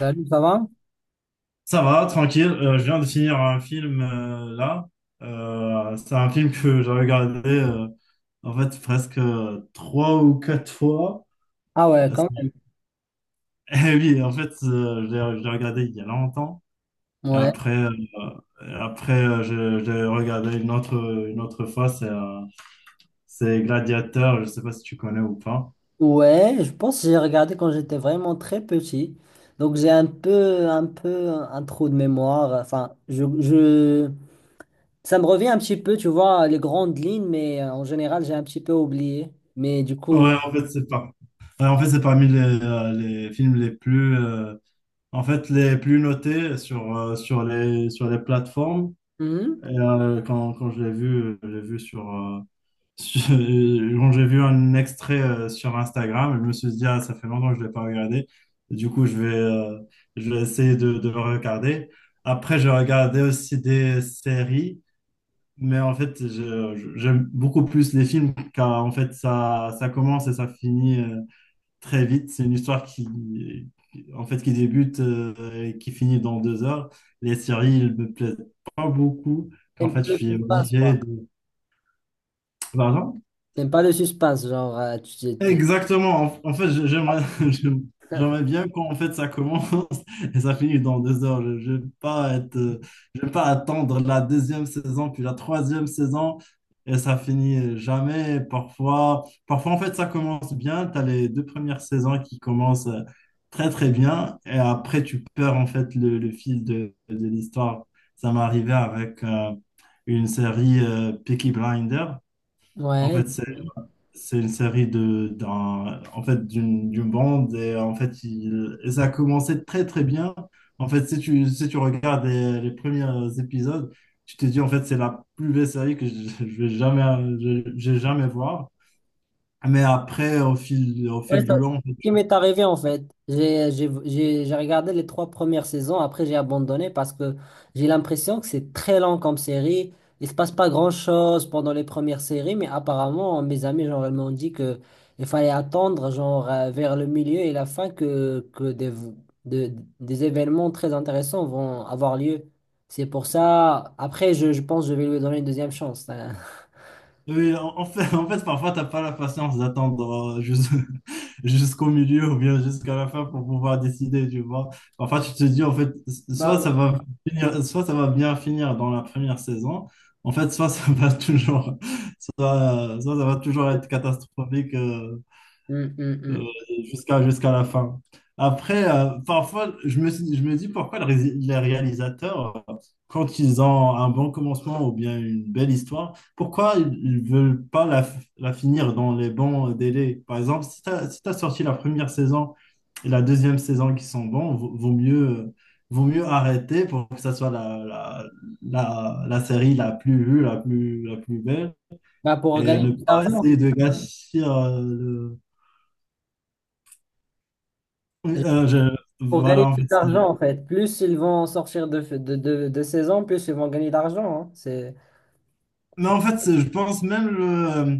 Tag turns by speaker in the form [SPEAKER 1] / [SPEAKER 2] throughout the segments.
[SPEAKER 1] Salut, ça va?
[SPEAKER 2] Ça va, tranquille. Je viens de finir un film là. C'est un film que j'ai regardé en fait presque trois ou quatre fois.
[SPEAKER 1] Ah ouais,
[SPEAKER 2] Euh, c'est-
[SPEAKER 1] quand même.
[SPEAKER 2] Eh oui, en fait, je l'ai regardé il y a longtemps. Et
[SPEAKER 1] Ouais.
[SPEAKER 2] après, je l'ai regardé une autre fois. C'est Gladiateur. Je ne sais pas si tu connais ou pas.
[SPEAKER 1] Ouais, je pense que j'ai regardé quand j'étais vraiment très petit. Donc j'ai un peu, un peu un trou de mémoire. Enfin, je... Ça me revient un petit peu, tu vois, les grandes lignes, mais en général, j'ai un petit peu oublié. Mais du coup,
[SPEAKER 2] Ouais, en fait, c'est pas. Ouais, en fait, c'est parmi les films les plus notés sur sur les plateformes.
[SPEAKER 1] hum,
[SPEAKER 2] Quand je l'ai vu, quand j'ai vu un extrait sur Instagram, je me suis dit, ah, ça fait longtemps que je ne l'ai pas regardé. Du coup, je vais essayer de le regarder. Après, j'ai regardé aussi des séries. Mais en fait, j'aime beaucoup plus les films car en fait, ça commence et ça finit très vite. C'est une histoire qui, en fait, qui débute et qui finit dans deux heures. Les séries, elles me plaisent pas beaucoup. En
[SPEAKER 1] t'aimes pas
[SPEAKER 2] fait, je
[SPEAKER 1] le
[SPEAKER 2] suis
[SPEAKER 1] suspense,
[SPEAKER 2] obligé
[SPEAKER 1] quoi.
[SPEAKER 2] de… Pardon.
[SPEAKER 1] T'aimes pas le suspense, genre,
[SPEAKER 2] Exactement. En fait, j'aimerais j'aime- j'aimerais bien quand en fait ça commence et ça finit dans deux heures. Je vais pas être, je vais pas attendre la deuxième saison puis la troisième saison et ça finit jamais. Parfois, parfois en fait ça commence bien. Tu as les deux premières saisons qui commencent très très bien et après tu perds en fait le fil de l'histoire. Ça m'est arrivé avec une série Peaky Blinders. En
[SPEAKER 1] Ouais.
[SPEAKER 2] fait, c'est une série de, d'un, en fait, d'une, d'une bande et et ça a commencé très très bien. En fait, si tu regardes les premiers épisodes, tu te dis en fait, c'est la plus belle série que je vais jamais, je vais jamais voir. Mais après, au
[SPEAKER 1] Ouais,
[SPEAKER 2] fil
[SPEAKER 1] ça-
[SPEAKER 2] du
[SPEAKER 1] ce
[SPEAKER 2] long.
[SPEAKER 1] qui m'est arrivé en fait. J'ai regardé les trois premières saisons, après j'ai abandonné parce que j'ai l'impression que c'est très lent comme série. Il se passe pas grand-chose pendant les premières séries, mais apparemment mes amis genre ils m'ont dit que il fallait attendre genre vers le milieu et la fin que, que de- des événements très intéressants vont avoir lieu. C'est pour ça, après je pense que je vais lui donner une deuxième chance, hein.
[SPEAKER 2] Oui, en fait, en fait, parfois, t'as pas la patience d'attendre jusqu'au milieu ou bien jusqu'à la fin pour pouvoir décider, tu vois. Parfois, tu te dis, en fait,
[SPEAKER 1] Bah,
[SPEAKER 2] soit
[SPEAKER 1] ouais.
[SPEAKER 2] ça va soit ça va bien finir dans la première saison, en fait, soit ça va toujours, soit ça va toujours être catastrophique
[SPEAKER 1] Hum, hum,
[SPEAKER 2] euh,
[SPEAKER 1] hum.
[SPEAKER 2] jusqu'à jusqu'à la fin. Après, parfois, je me dis pourquoi les réalisateurs, quand ils ont un bon commencement ou bien une belle histoire, pourquoi ils ne veulent pas la finir dans les bons délais? Par exemple, si tu as, si t'as sorti la première saison et la deuxième saison qui sont bons, vaut mieux, vaut mieux arrêter pour que ça soit la série la plus vue, la plus belle,
[SPEAKER 1] Bah, pour
[SPEAKER 2] et
[SPEAKER 1] gagner
[SPEAKER 2] ne
[SPEAKER 1] plus
[SPEAKER 2] pas
[SPEAKER 1] d'argent.
[SPEAKER 2] essayer de gâcher.
[SPEAKER 1] Pour gagner
[SPEAKER 2] Voilà, en
[SPEAKER 1] plus
[SPEAKER 2] fait.
[SPEAKER 1] d'argent, en
[SPEAKER 2] C'est-
[SPEAKER 1] fait. Plus ils vont sortir de saison, plus ils vont gagner d'argent, hein.
[SPEAKER 2] Mais
[SPEAKER 1] C'est-
[SPEAKER 2] en fait, je pense même le... euh,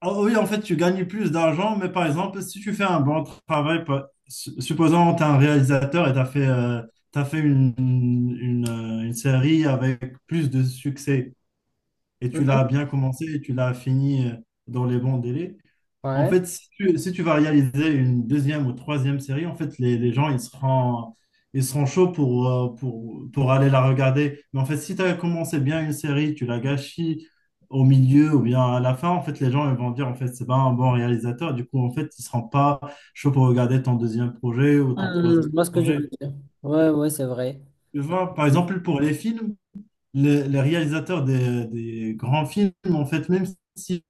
[SPEAKER 2] Ah oui, en fait, tu gagnes plus d'argent, mais par exemple, si tu fais un bon travail, supposons que tu es un réalisateur et tu as fait, t'as fait une série avec plus de succès et tu
[SPEAKER 1] Mhm.
[SPEAKER 2] l'as bien commencé et tu l'as fini dans les bons délais. En
[SPEAKER 1] Ouais.
[SPEAKER 2] fait, si tu vas réaliser une deuxième ou troisième série, en fait, les gens, ils seront chauds pour, pour aller la regarder. Mais en fait, si tu as commencé bien une série, tu la gâchis au milieu ou bien à la fin, en fait, les gens, ils vont dire, en fait, c'est pas un bon réalisateur. Du coup, en fait, ils seront pas chauds pour regarder ton deuxième projet ou ton
[SPEAKER 1] Je
[SPEAKER 2] troisième
[SPEAKER 1] vois ce que je
[SPEAKER 2] projet.
[SPEAKER 1] veux dire. Ouais, ouais, c'est vrai.
[SPEAKER 2] Tu vois, par exemple, pour les films, les réalisateurs des grands films, en fait, même si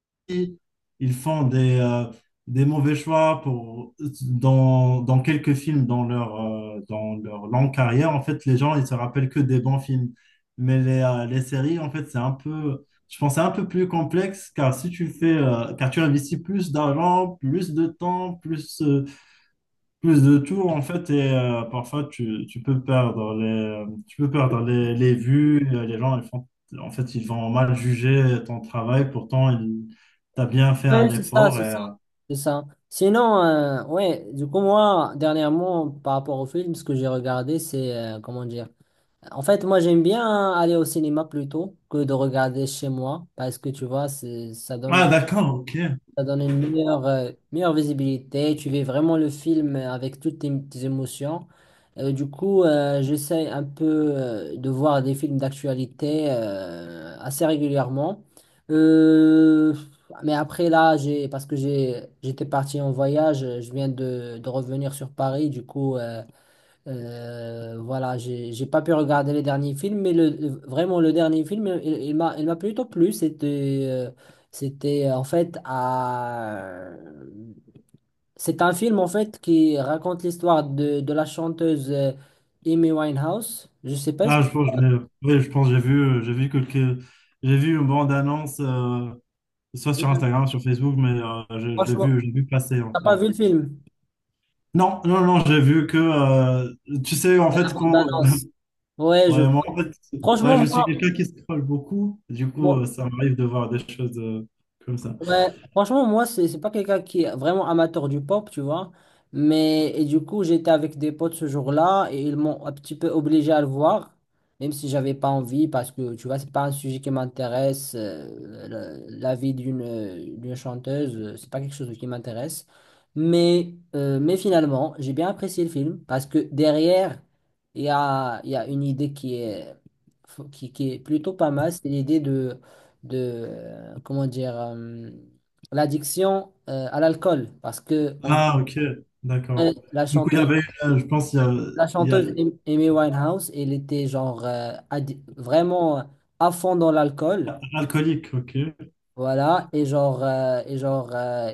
[SPEAKER 2] ils font des mauvais choix pour, dans quelques films dans dans leur longue carrière, en fait, les gens, ils se rappellent que des bons films. Mais les séries, en fait, c'est un peu, je pense, que c'est un peu plus complexe, car si tu fais, car tu investis plus d'argent, plus de temps, plus de tout en fait et parfois tu peux perdre les tu peux perdre les vues les gens ils font en fait ils vont mal juger ton travail pourtant ils t'as bien fait un
[SPEAKER 1] Ouais, c'est ça,
[SPEAKER 2] effort
[SPEAKER 1] c'est
[SPEAKER 2] et
[SPEAKER 1] ça, c'est ça. Sinon, ouais, du coup, moi, dernièrement, par rapport au film, ce que j'ai regardé, c'est, comment dire, en fait, moi, j'aime bien aller au cinéma plutôt que de regarder chez moi, parce que, tu vois, ça
[SPEAKER 2] ah
[SPEAKER 1] donne...
[SPEAKER 2] d'accord, ok.
[SPEAKER 1] Ça donne une meilleure, meilleure visibilité. Tu vis vraiment le film avec toutes tes, tes émotions. J'essaie un peu de voir des films d'actualité assez régulièrement. Euh, mais après, là, parce que j'ai, j'étais parti en voyage, je viens de revenir sur Paris. Du coup, voilà, j'ai pas pu regarder les derniers films, mais vraiment le dernier film, il m'a plutôt plu. C'était c'était en fait à c'est un film en fait qui raconte l'histoire de la chanteuse Amy Winehouse. Je sais pas ce que...
[SPEAKER 2] Ah je pense que oui, je pense que j'ai vu une bande annonce soit sur Instagram sur Facebook mais euh, je, je l'ai
[SPEAKER 1] Franchement,
[SPEAKER 2] vu je l'ai vu passer en
[SPEAKER 1] t'as pas vu le
[SPEAKER 2] fait
[SPEAKER 1] film?
[SPEAKER 2] non non non j'ai vu que tu sais en
[SPEAKER 1] La
[SPEAKER 2] fait quand.
[SPEAKER 1] bande-annonce. Ouais, je
[SPEAKER 2] Ouais, moi, en fait, ouais,
[SPEAKER 1] franchement
[SPEAKER 2] je suis quelqu'un qui scrolle beaucoup. Du coup,
[SPEAKER 1] moi,
[SPEAKER 2] ça m'arrive de voir des choses comme ça.
[SPEAKER 1] Ouais, franchement, moi, c'est pas quelqu'un qui est vraiment amateur du pop, tu vois. Mais et du coup, j'étais avec des potes ce jour-là et ils m'ont un petit peu obligé à le voir, même si j'avais pas envie, parce que tu vois, c'est pas un sujet qui m'intéresse. La, la vie d'une d'une chanteuse, c'est pas quelque chose qui m'intéresse. Mais finalement, j'ai bien apprécié le film parce que derrière, il y a une idée qui est plutôt pas mal, c'est l'idée de comment dire l'addiction à l'alcool parce que en
[SPEAKER 2] Ah,
[SPEAKER 1] gros,
[SPEAKER 2] ok, d'accord.
[SPEAKER 1] la
[SPEAKER 2] Du coup, il y
[SPEAKER 1] chanteuse,
[SPEAKER 2] avait une, je pense,
[SPEAKER 1] la
[SPEAKER 2] il y a un
[SPEAKER 1] chanteuse Amy Winehouse elle était vraiment à fond dans l'alcool.
[SPEAKER 2] alcoolique, ok.
[SPEAKER 1] Voilà, et genre,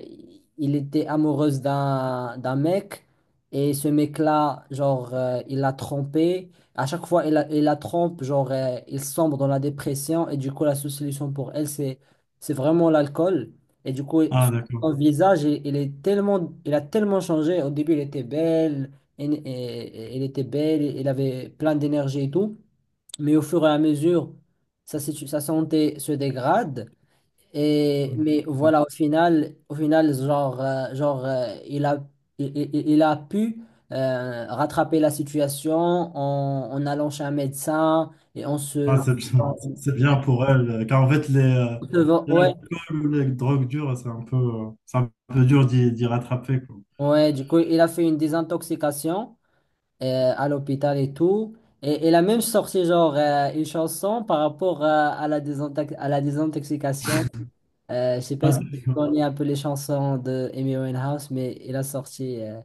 [SPEAKER 1] il était amoureuse d'un d'un mec, et ce mec-là, il l'a trompée. À chaque fois, il la trompe, il sombre dans la dépression, et du coup, la seule solution pour elle, c'est vraiment l'alcool. Et du coup,
[SPEAKER 2] Ah, d'accord.
[SPEAKER 1] son visage, il est tellement, il a tellement changé. Au début, il était belle, et, il était belle, il avait plein d'énergie et tout, mais au fur et à mesure, sa santé se dégrade. Et, mais
[SPEAKER 2] Ah,
[SPEAKER 1] voilà, au final genre, genre il a, il, il a pu rattraper la situation en, en allant chez un médecin et en se...
[SPEAKER 2] ah,
[SPEAKER 1] En
[SPEAKER 2] c'est bien pour elle. Car en fait,
[SPEAKER 1] se- Ouais,
[SPEAKER 2] l'alcool ou les drogues dures, c'est un peu dur d'y rattraper, quoi.
[SPEAKER 1] ouais, du coup, il a fait une désintoxication à l'hôpital et tout. Et il a même sorti une chanson par rapport à la désintoxication. Je sais pas
[SPEAKER 2] Ah,
[SPEAKER 1] si tu
[SPEAKER 2] d'accord.
[SPEAKER 1] connais un peu les chansons de Amy Winehouse, mais il a sorti...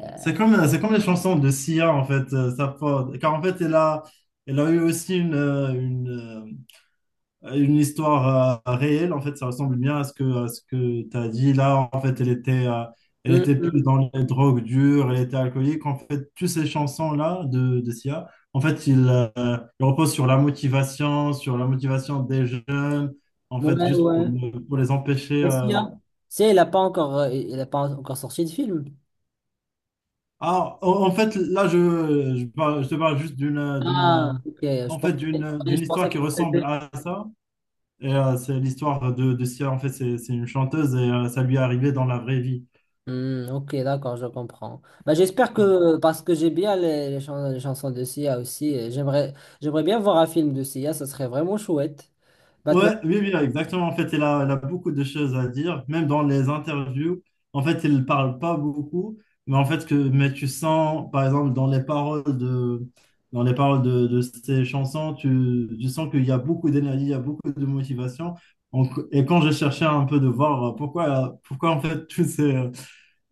[SPEAKER 1] euh,
[SPEAKER 2] C'est comme, c'est comme les chansons de Sia, en fait. Car en fait, elle a, elle a eu aussi une… une histoire réelle, en fait, ça ressemble bien à ce à ce que tu as dit. Là, en fait, elle était, elle
[SPEAKER 1] mm,
[SPEAKER 2] était plus
[SPEAKER 1] mm.
[SPEAKER 2] dans les drogues dures, elle était alcoolique. En fait, toutes ces chansons-là de Sia, en fait, il repose sur la motivation des jeunes, en fait,
[SPEAKER 1] Ouais,
[SPEAKER 2] juste pour,
[SPEAKER 1] ouais.
[SPEAKER 2] ne- pour les empêcher.
[SPEAKER 1] Est-ce qu'il y
[SPEAKER 2] euh.
[SPEAKER 1] Il a pas encore, il a pas encore sorti de film.
[SPEAKER 2] Ah, en fait, là, je, parle- je te parle juste d'une,
[SPEAKER 1] Ah, ok.
[SPEAKER 2] d'une
[SPEAKER 1] Je pensais
[SPEAKER 2] histoire
[SPEAKER 1] que
[SPEAKER 2] qui ressemble
[SPEAKER 1] c'était...
[SPEAKER 2] à ça. Et c'est l'histoire de Sia, en fait, c'est une chanteuse et ça lui est arrivé dans la vraie vie.
[SPEAKER 1] Hmm, ok, d'accord, je comprends. Bah, j'espère
[SPEAKER 2] Voilà.
[SPEAKER 1] que, parce que j'ai bien les chansons de Sia aussi, j'aimerais bien voir un film de Sia, ça serait vraiment chouette. Maintenant,
[SPEAKER 2] Ouais, oui, oui, exactement. En fait, elle a, elle a beaucoup de choses à dire, même dans les interviews. En fait, elle ne parle pas beaucoup, mais en fait, que, mais tu sens, par exemple, dans les paroles dans les paroles de ses chansons, tu sens qu'il y a beaucoup d'énergie, il y a beaucoup de motivation. Donc, et quand j'ai cherché un peu de voir pourquoi en fait, tous ces,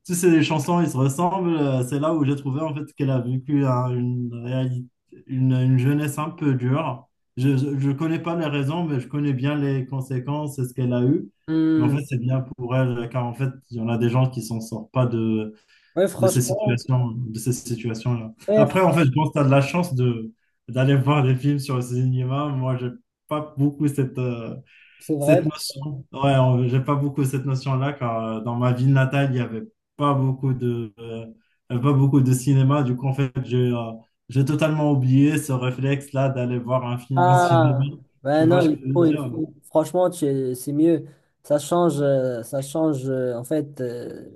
[SPEAKER 2] si c'est des chansons, ils se ressemblent. C'est là où j'ai trouvé en fait qu'elle a vécu une réalité, une jeunesse un peu dure. Je ne connais pas les raisons, mais je connais bien les conséquences et ce qu'elle a eu. Mais en fait,
[SPEAKER 1] hmm,
[SPEAKER 2] c'est bien pour elle, car en fait, il y en a des gens qui s'en sortent pas
[SPEAKER 1] ouais,
[SPEAKER 2] de ces
[SPEAKER 1] franchement,
[SPEAKER 2] situations, de ces situations-là.
[SPEAKER 1] ouais, fr-
[SPEAKER 2] Après, en fait, je pense que tu as de la chance d'aller voir des films sur le cinéma. Moi, j'ai pas beaucoup cette,
[SPEAKER 1] c'est vrai.
[SPEAKER 2] cette notion, ouais, on- j'ai pas beaucoup cette notion-là, car dans ma ville natale, il y avait pas beaucoup de cinéma. Du coup, en fait, j'ai totalement oublié ce réflexe-là d'aller voir un film au cinéma.
[SPEAKER 1] Ah,
[SPEAKER 2] Tu
[SPEAKER 1] ben
[SPEAKER 2] vois
[SPEAKER 1] non,
[SPEAKER 2] ce que
[SPEAKER 1] il
[SPEAKER 2] je veux
[SPEAKER 1] faut, il
[SPEAKER 2] dire?
[SPEAKER 1] faut. Franchement, tu- c'est mieux. Ça change, en fait.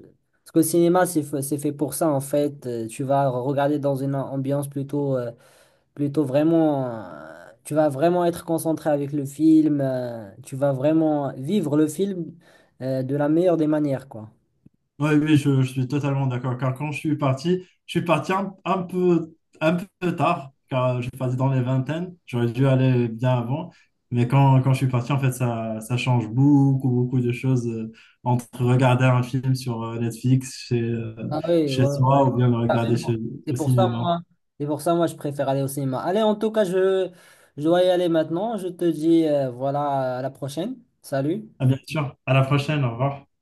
[SPEAKER 1] Parce que le cinéma, c'est c'est fait pour ça, en fait. Tu vas regarder dans une ambiance plutôt, plutôt vraiment. Tu vas vraiment être concentré avec le film. Tu vas vraiment vivre le film, de la meilleure des manières, quoi.
[SPEAKER 2] Oui, oui, je suis totalement d'accord. Car quand je suis parti un peu tard, car je suis parti dans les vingtaines. J'aurais dû aller bien avant. Mais quand je suis parti, en fait, ça change beaucoup, beaucoup de choses entre regarder un film sur Netflix
[SPEAKER 1] Ah oui,
[SPEAKER 2] chez
[SPEAKER 1] ouais, ouais.
[SPEAKER 2] soi ou bien le regarder
[SPEAKER 1] Carrément.
[SPEAKER 2] chez,
[SPEAKER 1] C'est
[SPEAKER 2] au
[SPEAKER 1] pour ça,
[SPEAKER 2] cinéma.
[SPEAKER 1] moi, c'est pour ça, moi, je préfère aller au cinéma. Allez, en tout cas, je dois y aller maintenant. Je te dis, voilà, à la prochaine. Salut.
[SPEAKER 2] À bien sûr. À la prochaine. Au revoir.